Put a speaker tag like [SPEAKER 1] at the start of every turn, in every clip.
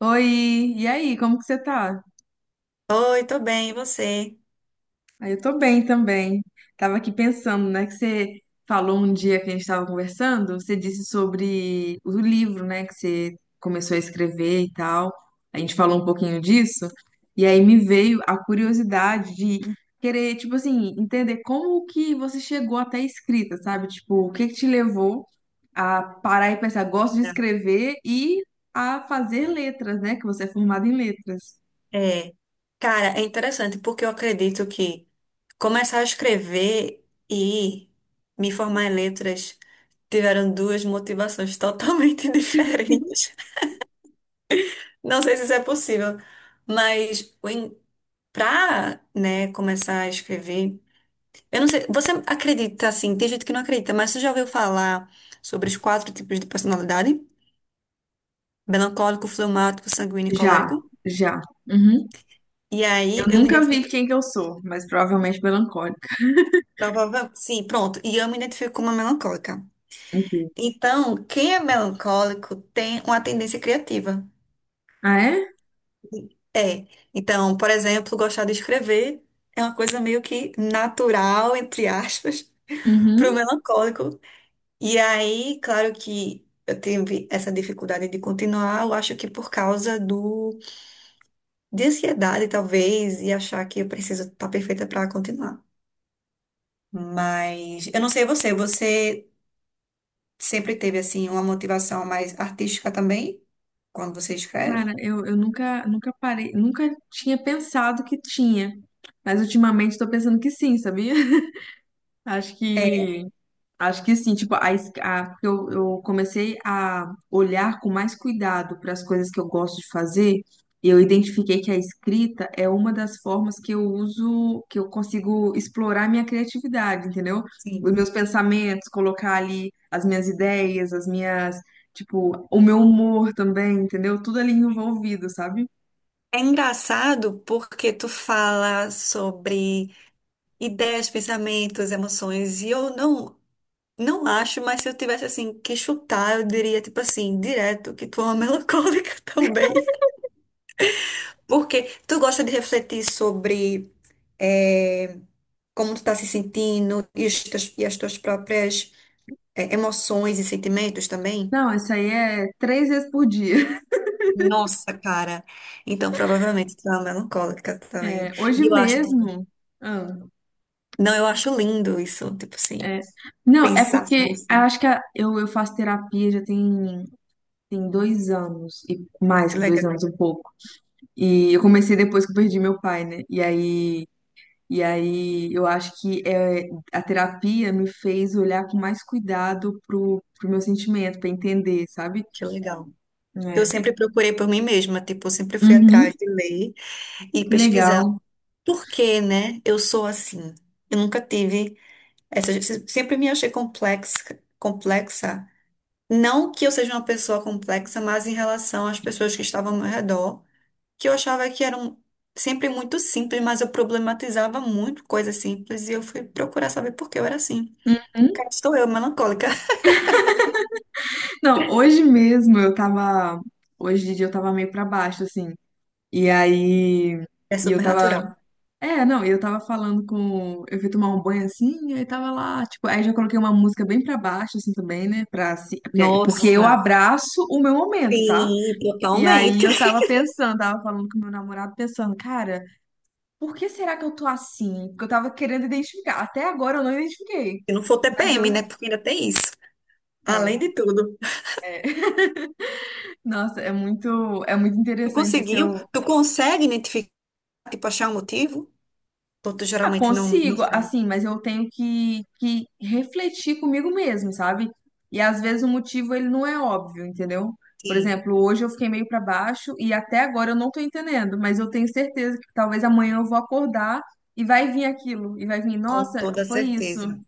[SPEAKER 1] Oi, e aí, como que você tá?
[SPEAKER 2] Oi, tô bem, e você?
[SPEAKER 1] Aí eu tô bem também. Tava aqui pensando, né, que você falou um dia que a gente tava conversando, você disse sobre o livro, né, que você começou a escrever e tal. A gente falou um pouquinho disso, e aí me veio a curiosidade de querer, tipo assim, entender como que você chegou até a escrita, sabe? Tipo, o que que te levou a parar e pensar, gosto de escrever e a fazer letras, né, que você é formada em letras.
[SPEAKER 2] É. É, cara, é interessante porque eu acredito que começar a escrever e me formar em letras tiveram duas motivações totalmente diferentes. Não sei se isso é possível, mas para, né, começar a escrever, eu não sei, você acredita assim, tem gente que não acredita, mas você já ouviu falar sobre os 4 tipos de personalidade? Melancólico, fleumático, sanguíneo e
[SPEAKER 1] Já,
[SPEAKER 2] colérico?
[SPEAKER 1] já. Uhum.
[SPEAKER 2] E
[SPEAKER 1] Eu
[SPEAKER 2] aí eu me
[SPEAKER 1] nunca vi
[SPEAKER 2] identifiquei.
[SPEAKER 1] quem que eu sou, mas provavelmente melancólica.
[SPEAKER 2] Provavelmente, sim, pronto. E eu me identifico como uma melancólica.
[SPEAKER 1] Incrível.
[SPEAKER 2] Então, quem é melancólico tem uma tendência criativa.
[SPEAKER 1] Ah, é?
[SPEAKER 2] É. Então, por exemplo, gostar de escrever é uma coisa meio que natural, entre aspas, para o
[SPEAKER 1] Uhum.
[SPEAKER 2] melancólico. E aí, claro que eu tive essa dificuldade de continuar, eu acho que por causa do de ansiedade, talvez, e achar que eu preciso estar perfeita para continuar. Mas eu não sei você, você sempre teve, assim, uma motivação mais artística também, quando você escreve?
[SPEAKER 1] Cara, eu nunca, nunca parei, nunca tinha pensado que tinha. Mas ultimamente tô pensando que sim, sabia? Acho
[SPEAKER 2] É.
[SPEAKER 1] que Acho que assim, tipo, porque eu comecei a olhar com mais cuidado para as coisas que eu gosto de fazer, e eu identifiquei que a escrita é uma das formas que eu uso, que eu consigo explorar a minha criatividade, entendeu? Os
[SPEAKER 2] Sim.
[SPEAKER 1] meus pensamentos, colocar ali as minhas ideias, as minhas, tipo, o meu humor também, entendeu? Tudo ali envolvido, sabe?
[SPEAKER 2] É engraçado porque tu fala sobre ideias, pensamentos, emoções, e eu não, não acho, mas se eu tivesse assim que chutar, eu diria tipo assim, direto que tu é uma melancólica também. Porque tu gosta de refletir sobre eh, como tu tá se sentindo e as tuas próprias emoções e sentimentos também?
[SPEAKER 1] Não, isso aí é três vezes por dia.
[SPEAKER 2] Nossa, cara. Então, provavelmente tu é uma melancólica também.
[SPEAKER 1] É, hoje
[SPEAKER 2] E eu acho, tipo,
[SPEAKER 1] mesmo. Ah.
[SPEAKER 2] não, eu acho lindo isso, tipo assim,
[SPEAKER 1] É. Não, é
[SPEAKER 2] pensar
[SPEAKER 1] porque
[SPEAKER 2] sobre
[SPEAKER 1] eu
[SPEAKER 2] isso.
[SPEAKER 1] acho que eu faço terapia já tem, tem 2 anos, e mais
[SPEAKER 2] Que
[SPEAKER 1] que dois
[SPEAKER 2] legal,
[SPEAKER 1] anos, um pouco. E eu comecei depois que eu perdi meu pai, né? E aí eu acho que é, a terapia me fez olhar com mais cuidado pro, pro meu sentimento, pra entender, sabe?
[SPEAKER 2] que legal. Eu
[SPEAKER 1] É.
[SPEAKER 2] sempre procurei por mim mesma, tipo, eu sempre fui
[SPEAKER 1] Uhum,
[SPEAKER 2] atrás de ler e pesquisar.
[SPEAKER 1] legal.
[SPEAKER 2] Por que, né? Eu sou assim. Eu nunca tive essa, sempre me achei complexa, complexa. Não que eu seja uma pessoa complexa, mas em relação às pessoas que estavam ao meu redor. Que eu achava que eram sempre muito simples, mas eu problematizava muito coisas simples e eu fui procurar saber por que eu era assim.
[SPEAKER 1] Uhum.
[SPEAKER 2] Cá estou eu, melancólica.
[SPEAKER 1] Não, hoje mesmo eu tava. Hoje de dia eu tava meio pra baixo, assim. E aí.
[SPEAKER 2] É
[SPEAKER 1] E eu
[SPEAKER 2] supernatural.
[SPEAKER 1] tava. É, não, eu tava falando com. Eu fui tomar um banho assim, aí tava lá, tipo, aí já coloquei uma música bem pra baixo, assim também, né? Pra, se- porque, porque eu
[SPEAKER 2] Nossa,
[SPEAKER 1] abraço o meu momento, tá?
[SPEAKER 2] sim,
[SPEAKER 1] E aí
[SPEAKER 2] totalmente.
[SPEAKER 1] eu tava pensando, tava falando com meu namorado, pensando, cara, por que será que eu tô assim? Porque eu tava querendo identificar. Até agora eu não identifiquei.
[SPEAKER 2] Se não for
[SPEAKER 1] Mas eu.
[SPEAKER 2] TPM, né? Porque ainda tem isso. Além
[SPEAKER 1] É,
[SPEAKER 2] de tudo.
[SPEAKER 1] é. Nossa, é muito
[SPEAKER 2] Tu
[SPEAKER 1] interessante isso.
[SPEAKER 2] conseguiu? Tu consegue identificar, tipo, achar o motivo? Outros
[SPEAKER 1] Ah,
[SPEAKER 2] geralmente não
[SPEAKER 1] consigo,
[SPEAKER 2] sabem.
[SPEAKER 1] assim, mas eu tenho que refletir comigo mesmo, sabe? E às vezes o motivo ele não é óbvio, entendeu? Por
[SPEAKER 2] Sim,
[SPEAKER 1] exemplo, hoje eu fiquei meio pra baixo e até agora eu não tô entendendo, mas eu tenho certeza que talvez amanhã eu vou acordar e vai vir aquilo, e vai vir,
[SPEAKER 2] com
[SPEAKER 1] nossa,
[SPEAKER 2] toda
[SPEAKER 1] foi isso.
[SPEAKER 2] certeza.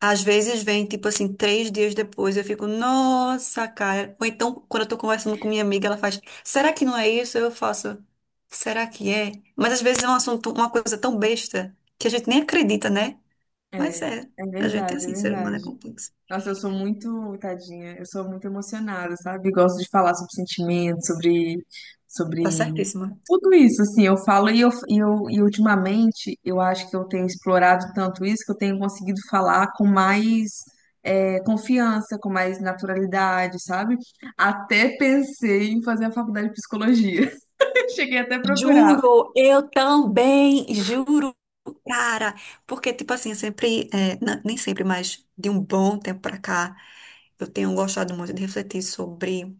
[SPEAKER 2] Às vezes vem, tipo assim, 3 dias depois, eu fico, nossa, cara. Ou então, quando eu tô conversando com minha amiga, ela faz, será que não é isso? Eu faço, será que é? Mas às vezes é um assunto, uma coisa tão besta, que a gente nem acredita, né? Mas
[SPEAKER 1] É,
[SPEAKER 2] é,
[SPEAKER 1] é
[SPEAKER 2] a gente é
[SPEAKER 1] verdade, é
[SPEAKER 2] assim, ser humano é
[SPEAKER 1] verdade.
[SPEAKER 2] complexo.
[SPEAKER 1] Nossa, eu sou muito, tadinha, eu sou muito emocionada, sabe? Gosto de falar sobre sentimentos, sobre, sobre
[SPEAKER 2] Tá certíssima.
[SPEAKER 1] tudo isso, assim, eu falo e ultimamente eu acho que eu tenho explorado tanto isso que eu tenho conseguido falar com mais confiança, com mais naturalidade, sabe? Até pensei em fazer a faculdade de psicologia. Cheguei até a procurar.
[SPEAKER 2] Juro, eu também, juro, cara. Porque, tipo assim, eu sempre, é, nem sempre, mas de um bom tempo pra cá, eu tenho gostado muito de refletir sobre.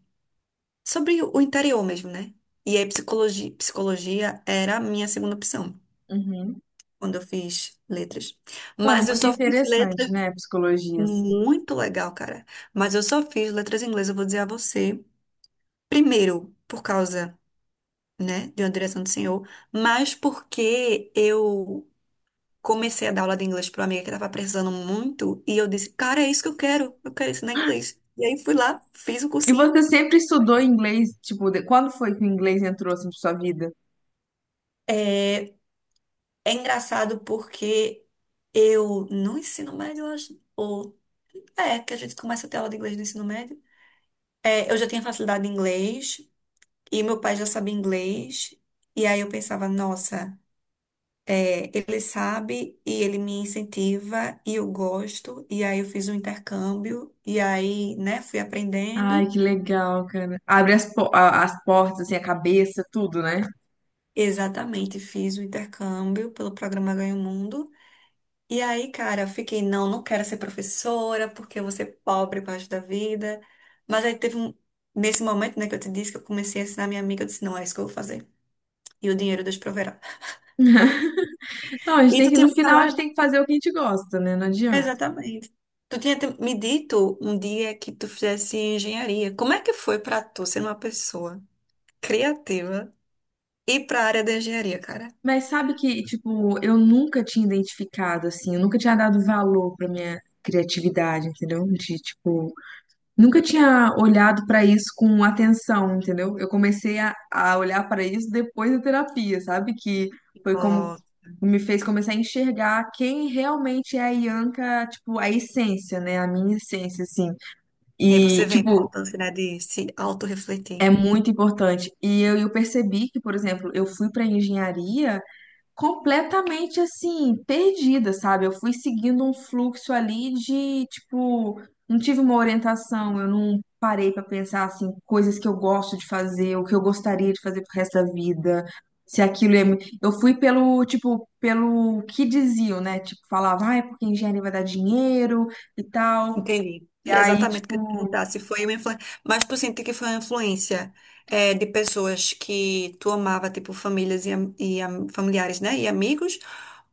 [SPEAKER 2] Sobre o interior mesmo, né? E aí psicologia era a minha segunda opção
[SPEAKER 1] Uhum.
[SPEAKER 2] quando eu fiz letras.
[SPEAKER 1] Não, é
[SPEAKER 2] Mas eu
[SPEAKER 1] muito
[SPEAKER 2] só fiz
[SPEAKER 1] interessante,
[SPEAKER 2] letras
[SPEAKER 1] né, psicologia.
[SPEAKER 2] muito legal, cara. Mas eu só fiz letras em inglês, eu vou dizer a você, primeiro por causa, né, de uma direção do senhor, mas porque eu comecei a dar aula de inglês para uma amiga que estava precisando muito e eu disse, cara, é isso que eu quero ensinar inglês. E aí fui lá, fiz o
[SPEAKER 1] E
[SPEAKER 2] cursinho.
[SPEAKER 1] você sempre estudou inglês? Tipo, quando foi que o inglês entrou assim pra sua vida?
[SPEAKER 2] É. É engraçado porque eu no ensino médio, eu acho, ou é que a gente começa a ter aula de inglês no ensino médio. É, eu já tinha facilidade em inglês e meu pai já sabia inglês. E aí eu pensava, nossa, é, ele sabe e ele me incentiva e eu gosto. E aí eu fiz um intercâmbio e aí, né, fui
[SPEAKER 1] Ai,
[SPEAKER 2] aprendendo.
[SPEAKER 1] que legal, cara. Abre as, as portas, assim, a cabeça, tudo, né?
[SPEAKER 2] Exatamente, fiz o intercâmbio pelo programa Ganha o Mundo. E aí, cara, eu fiquei, não, não quero ser professora, porque eu vou ser pobre pro da vida. Mas aí teve um, nesse momento, né, que eu te disse que eu comecei a ensinar minha amiga, eu disse, não, é isso que eu vou fazer. E o dinheiro Deus proverá.
[SPEAKER 1] Não, a gente
[SPEAKER 2] E
[SPEAKER 1] tem
[SPEAKER 2] tu
[SPEAKER 1] que,
[SPEAKER 2] tinha
[SPEAKER 1] no
[SPEAKER 2] me
[SPEAKER 1] final, a gente
[SPEAKER 2] falado?
[SPEAKER 1] tem que fazer o que a gente gosta, né? Não adianta.
[SPEAKER 2] Exatamente. Tu tinha me dito um dia que tu fizesse engenharia. Como é que foi pra tu ser uma pessoa criativa e pra área da engenharia, cara?
[SPEAKER 1] Mas sabe que, tipo, eu nunca tinha identificado, assim, eu nunca tinha dado valor pra minha criatividade, entendeu? De, tipo, nunca tinha olhado para isso com atenção, entendeu? Eu comecei a olhar para isso depois da terapia, sabe? Que foi como
[SPEAKER 2] Ó,
[SPEAKER 1] me fez começar a enxergar quem realmente é a Ianca, tipo, a essência, né? A minha essência, assim.
[SPEAKER 2] aí
[SPEAKER 1] E,
[SPEAKER 2] você vê a
[SPEAKER 1] tipo,
[SPEAKER 2] importância, né, de se autorrefletir.
[SPEAKER 1] é muito importante. E eu percebi que, por exemplo, eu fui para engenharia completamente assim, perdida, sabe? Eu fui seguindo um fluxo ali de, tipo, não tive uma orientação, eu não parei pra pensar assim, coisas que eu gosto de fazer, o que eu gostaria de fazer pro resto da vida. Se aquilo é... Eu fui pelo, tipo, pelo que diziam, né? Tipo, falava, ah, é porque engenharia vai dar dinheiro e tal.
[SPEAKER 2] Entendi.
[SPEAKER 1] E
[SPEAKER 2] Era
[SPEAKER 1] aí,
[SPEAKER 2] exatamente o que eu ia
[SPEAKER 1] tipo,
[SPEAKER 2] perguntar. Se foi uma influência. Mas tu sente que foi uma influência é, de pessoas que tu amava, tipo famílias e familiares, né? E amigos?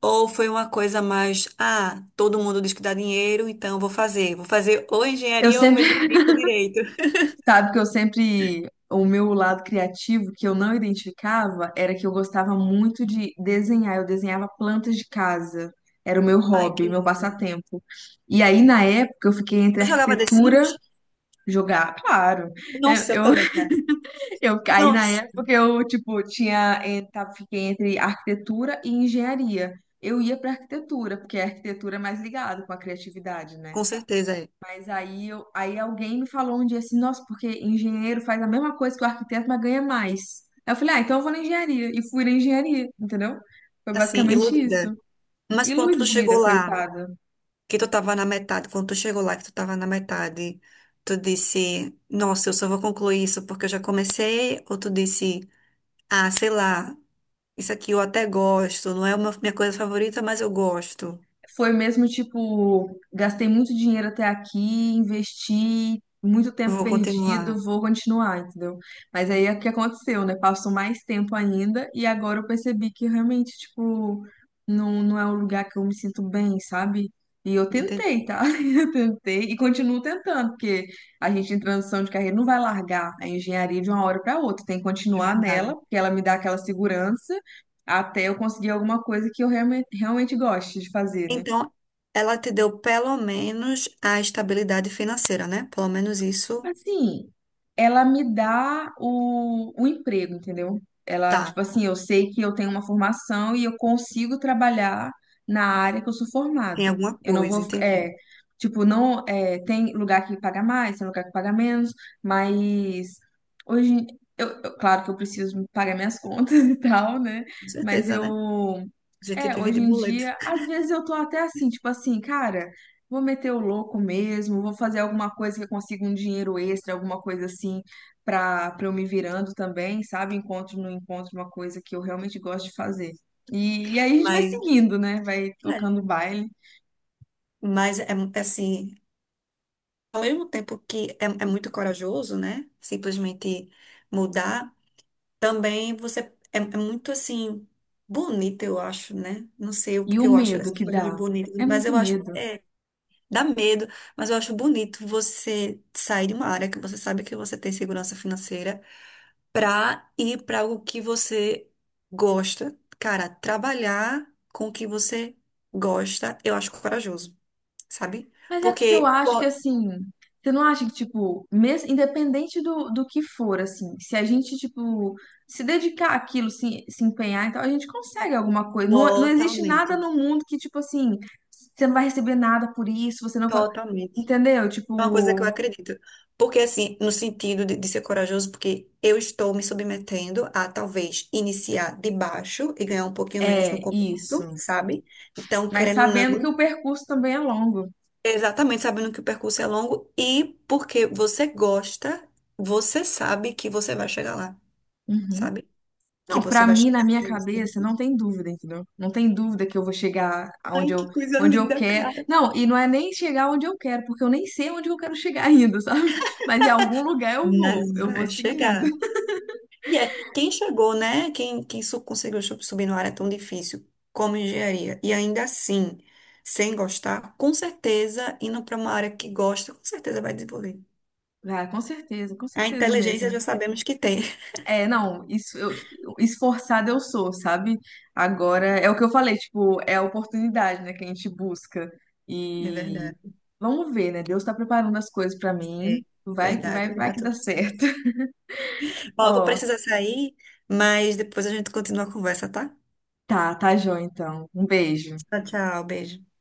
[SPEAKER 2] Ou foi uma coisa mais, ah, todo mundo diz que dá dinheiro, então vou fazer. Vou fazer ou
[SPEAKER 1] eu
[SPEAKER 2] engenharia ou medicina ou direito.
[SPEAKER 1] sabe que eu sempre, o meu lado criativo que eu não identificava era que eu gostava muito de desenhar. Eu desenhava plantas de casa. Era o meu
[SPEAKER 2] Ai, que
[SPEAKER 1] hobby, meu
[SPEAKER 2] lindo.
[SPEAKER 1] passatempo. E aí, na época, eu fiquei entre
[SPEAKER 2] Tu jogava The
[SPEAKER 1] arquitetura,
[SPEAKER 2] Sims?
[SPEAKER 1] jogar, claro.
[SPEAKER 2] Nossa, eu
[SPEAKER 1] Eu, eu,
[SPEAKER 2] também, cara.
[SPEAKER 1] aí, na
[SPEAKER 2] Nossa,
[SPEAKER 1] época, eu, tipo, tinha, fiquei entre arquitetura e engenharia. Eu ia pra arquitetura, porque a arquitetura é mais ligada com a criatividade, né?
[SPEAKER 2] com certeza é.
[SPEAKER 1] Mas aí, aí alguém me falou um dia assim, nossa, porque engenheiro faz a mesma coisa que o arquiteto, mas ganha mais. Aí eu falei, ah, então eu vou na engenharia. E fui na engenharia, entendeu? Foi
[SPEAKER 2] Assim,
[SPEAKER 1] basicamente isso.
[SPEAKER 2] iludida. Mas quando tu chegou
[SPEAKER 1] Iludida,
[SPEAKER 2] lá.
[SPEAKER 1] coitada.
[SPEAKER 2] Que tu tava na metade, quando tu chegou lá, que tu tava na metade, tu disse, nossa, eu só vou concluir isso porque eu já comecei, ou tu disse, ah, sei lá, isso aqui eu até gosto, não é uma minha coisa favorita, mas eu gosto,
[SPEAKER 1] Foi mesmo tipo, gastei muito dinheiro até aqui, investi muito tempo
[SPEAKER 2] vou continuar.
[SPEAKER 1] perdido, vou continuar, entendeu? Mas aí é o que aconteceu, né? Passou mais tempo ainda e agora eu percebi que realmente, tipo, não, não é um lugar que eu me sinto bem, sabe? E eu tentei,
[SPEAKER 2] Entendi.
[SPEAKER 1] tá? Eu tentei e continuo tentando, porque a gente em transição de carreira não vai largar a engenharia de uma hora para outra, tem que
[SPEAKER 2] É
[SPEAKER 1] continuar
[SPEAKER 2] verdade.
[SPEAKER 1] nela, porque ela me dá aquela segurança até eu conseguir alguma coisa que eu realmente, realmente goste de fazer, né?
[SPEAKER 2] Então, ela te deu pelo menos a estabilidade financeira, né? Pelo menos isso
[SPEAKER 1] Assim, ela me dá o emprego, entendeu? Ela,
[SPEAKER 2] tá,
[SPEAKER 1] tipo assim, eu sei que eu tenho uma formação e eu consigo trabalhar na área que eu sou
[SPEAKER 2] tem
[SPEAKER 1] formada.
[SPEAKER 2] alguma
[SPEAKER 1] Eu não
[SPEAKER 2] coisa,
[SPEAKER 1] vou,
[SPEAKER 2] entendi.
[SPEAKER 1] é, tipo, não, é, tem lugar que paga mais, tem lugar que paga menos, mas hoje, claro que eu preciso pagar minhas contas e tal, né?
[SPEAKER 2] Com
[SPEAKER 1] Mas
[SPEAKER 2] certeza, né?
[SPEAKER 1] eu,
[SPEAKER 2] A gente
[SPEAKER 1] é,
[SPEAKER 2] vive
[SPEAKER 1] hoje
[SPEAKER 2] de
[SPEAKER 1] em
[SPEAKER 2] boleto.
[SPEAKER 1] dia, às vezes eu tô até assim, tipo assim, cara. Vou meter o louco mesmo, vou fazer alguma coisa que eu consiga um dinheiro extra, alguma coisa assim, para eu me virando também, sabe? Encontro no encontro uma coisa que eu realmente gosto de fazer. E aí a gente vai
[SPEAKER 2] Mas,
[SPEAKER 1] seguindo, né? Vai
[SPEAKER 2] é.
[SPEAKER 1] tocando o baile.
[SPEAKER 2] Mas é assim, ao mesmo tempo que é muito corajoso, né? Simplesmente mudar, também você. É, é muito assim bonito, eu acho, né? Não sei o
[SPEAKER 1] E
[SPEAKER 2] que
[SPEAKER 1] o
[SPEAKER 2] eu acho
[SPEAKER 1] medo
[SPEAKER 2] essas
[SPEAKER 1] que
[SPEAKER 2] coisas
[SPEAKER 1] dá.
[SPEAKER 2] bonitas,
[SPEAKER 1] É
[SPEAKER 2] mas
[SPEAKER 1] muito
[SPEAKER 2] eu acho
[SPEAKER 1] medo.
[SPEAKER 2] é, dá medo, mas eu acho bonito você sair de uma área que você sabe que você tem segurança financeira pra ir pra algo que você gosta. Cara, trabalhar com o que você gosta, eu acho corajoso, sabe?
[SPEAKER 1] Mas é porque eu
[SPEAKER 2] Porque
[SPEAKER 1] acho que assim, você não acha que, tipo, mesmo, independente do, do que for, assim, se a gente, tipo, se dedicar àquilo, se empenhar, então a gente consegue alguma coisa. Não, não existe nada
[SPEAKER 2] totalmente.
[SPEAKER 1] no mundo que, tipo assim, você não vai receber nada por isso, você não pode.
[SPEAKER 2] Totalmente.
[SPEAKER 1] Entendeu?
[SPEAKER 2] É uma coisa que
[SPEAKER 1] Tipo,
[SPEAKER 2] eu acredito. Porque, assim, no sentido de ser corajoso, porque eu estou me submetendo a talvez iniciar de baixo e ganhar um pouquinho menos no
[SPEAKER 1] é
[SPEAKER 2] começo,
[SPEAKER 1] isso.
[SPEAKER 2] sabe? Então,
[SPEAKER 1] Mas
[SPEAKER 2] querendo ou
[SPEAKER 1] sabendo que
[SPEAKER 2] não,
[SPEAKER 1] o percurso também é longo.
[SPEAKER 2] exatamente sabendo que o percurso é longo e porque você gosta, você sabe que você vai chegar lá,
[SPEAKER 1] Uhum.
[SPEAKER 2] sabe? Que
[SPEAKER 1] Não,
[SPEAKER 2] você
[SPEAKER 1] pra
[SPEAKER 2] vai
[SPEAKER 1] mim, na
[SPEAKER 2] chegar.
[SPEAKER 1] minha cabeça, não tem dúvida, entendeu? Não tem dúvida que eu vou chegar
[SPEAKER 2] Ai,
[SPEAKER 1] aonde
[SPEAKER 2] que
[SPEAKER 1] eu,
[SPEAKER 2] coisa
[SPEAKER 1] onde eu
[SPEAKER 2] linda,
[SPEAKER 1] quero.
[SPEAKER 2] cara.
[SPEAKER 1] Não, e não é nem chegar onde eu quero, porque eu nem sei onde eu quero chegar ainda, sabe? Mas em algum lugar
[SPEAKER 2] Mas
[SPEAKER 1] eu vou
[SPEAKER 2] vai
[SPEAKER 1] seguindo.
[SPEAKER 2] chegar. E é quem chegou, né? Quem conseguiu subir numa área tão difícil como engenharia. E ainda assim, sem gostar, com certeza, indo para uma área que gosta, com certeza vai desenvolver.
[SPEAKER 1] Ah, com
[SPEAKER 2] A
[SPEAKER 1] certeza
[SPEAKER 2] inteligência já
[SPEAKER 1] mesmo.
[SPEAKER 2] sabemos que tem.
[SPEAKER 1] É, não, isso, eu, esforçada eu sou, sabe? Agora, é o que eu falei, tipo, é a oportunidade, né, que a gente busca.
[SPEAKER 2] É
[SPEAKER 1] E
[SPEAKER 2] verdade.
[SPEAKER 1] vamos ver, né? Deus tá preparando as coisas pra
[SPEAKER 2] É
[SPEAKER 1] mim.
[SPEAKER 2] verdade, vai
[SPEAKER 1] Vai
[SPEAKER 2] dar
[SPEAKER 1] que dá
[SPEAKER 2] tudo
[SPEAKER 1] certo.
[SPEAKER 2] certo. Ó, eu vou
[SPEAKER 1] Ó.
[SPEAKER 2] precisar sair, mas depois a gente continua a conversa, tá?
[SPEAKER 1] Tá, tá, Jô, então. Um beijo.
[SPEAKER 2] Tchau, tchau, beijo.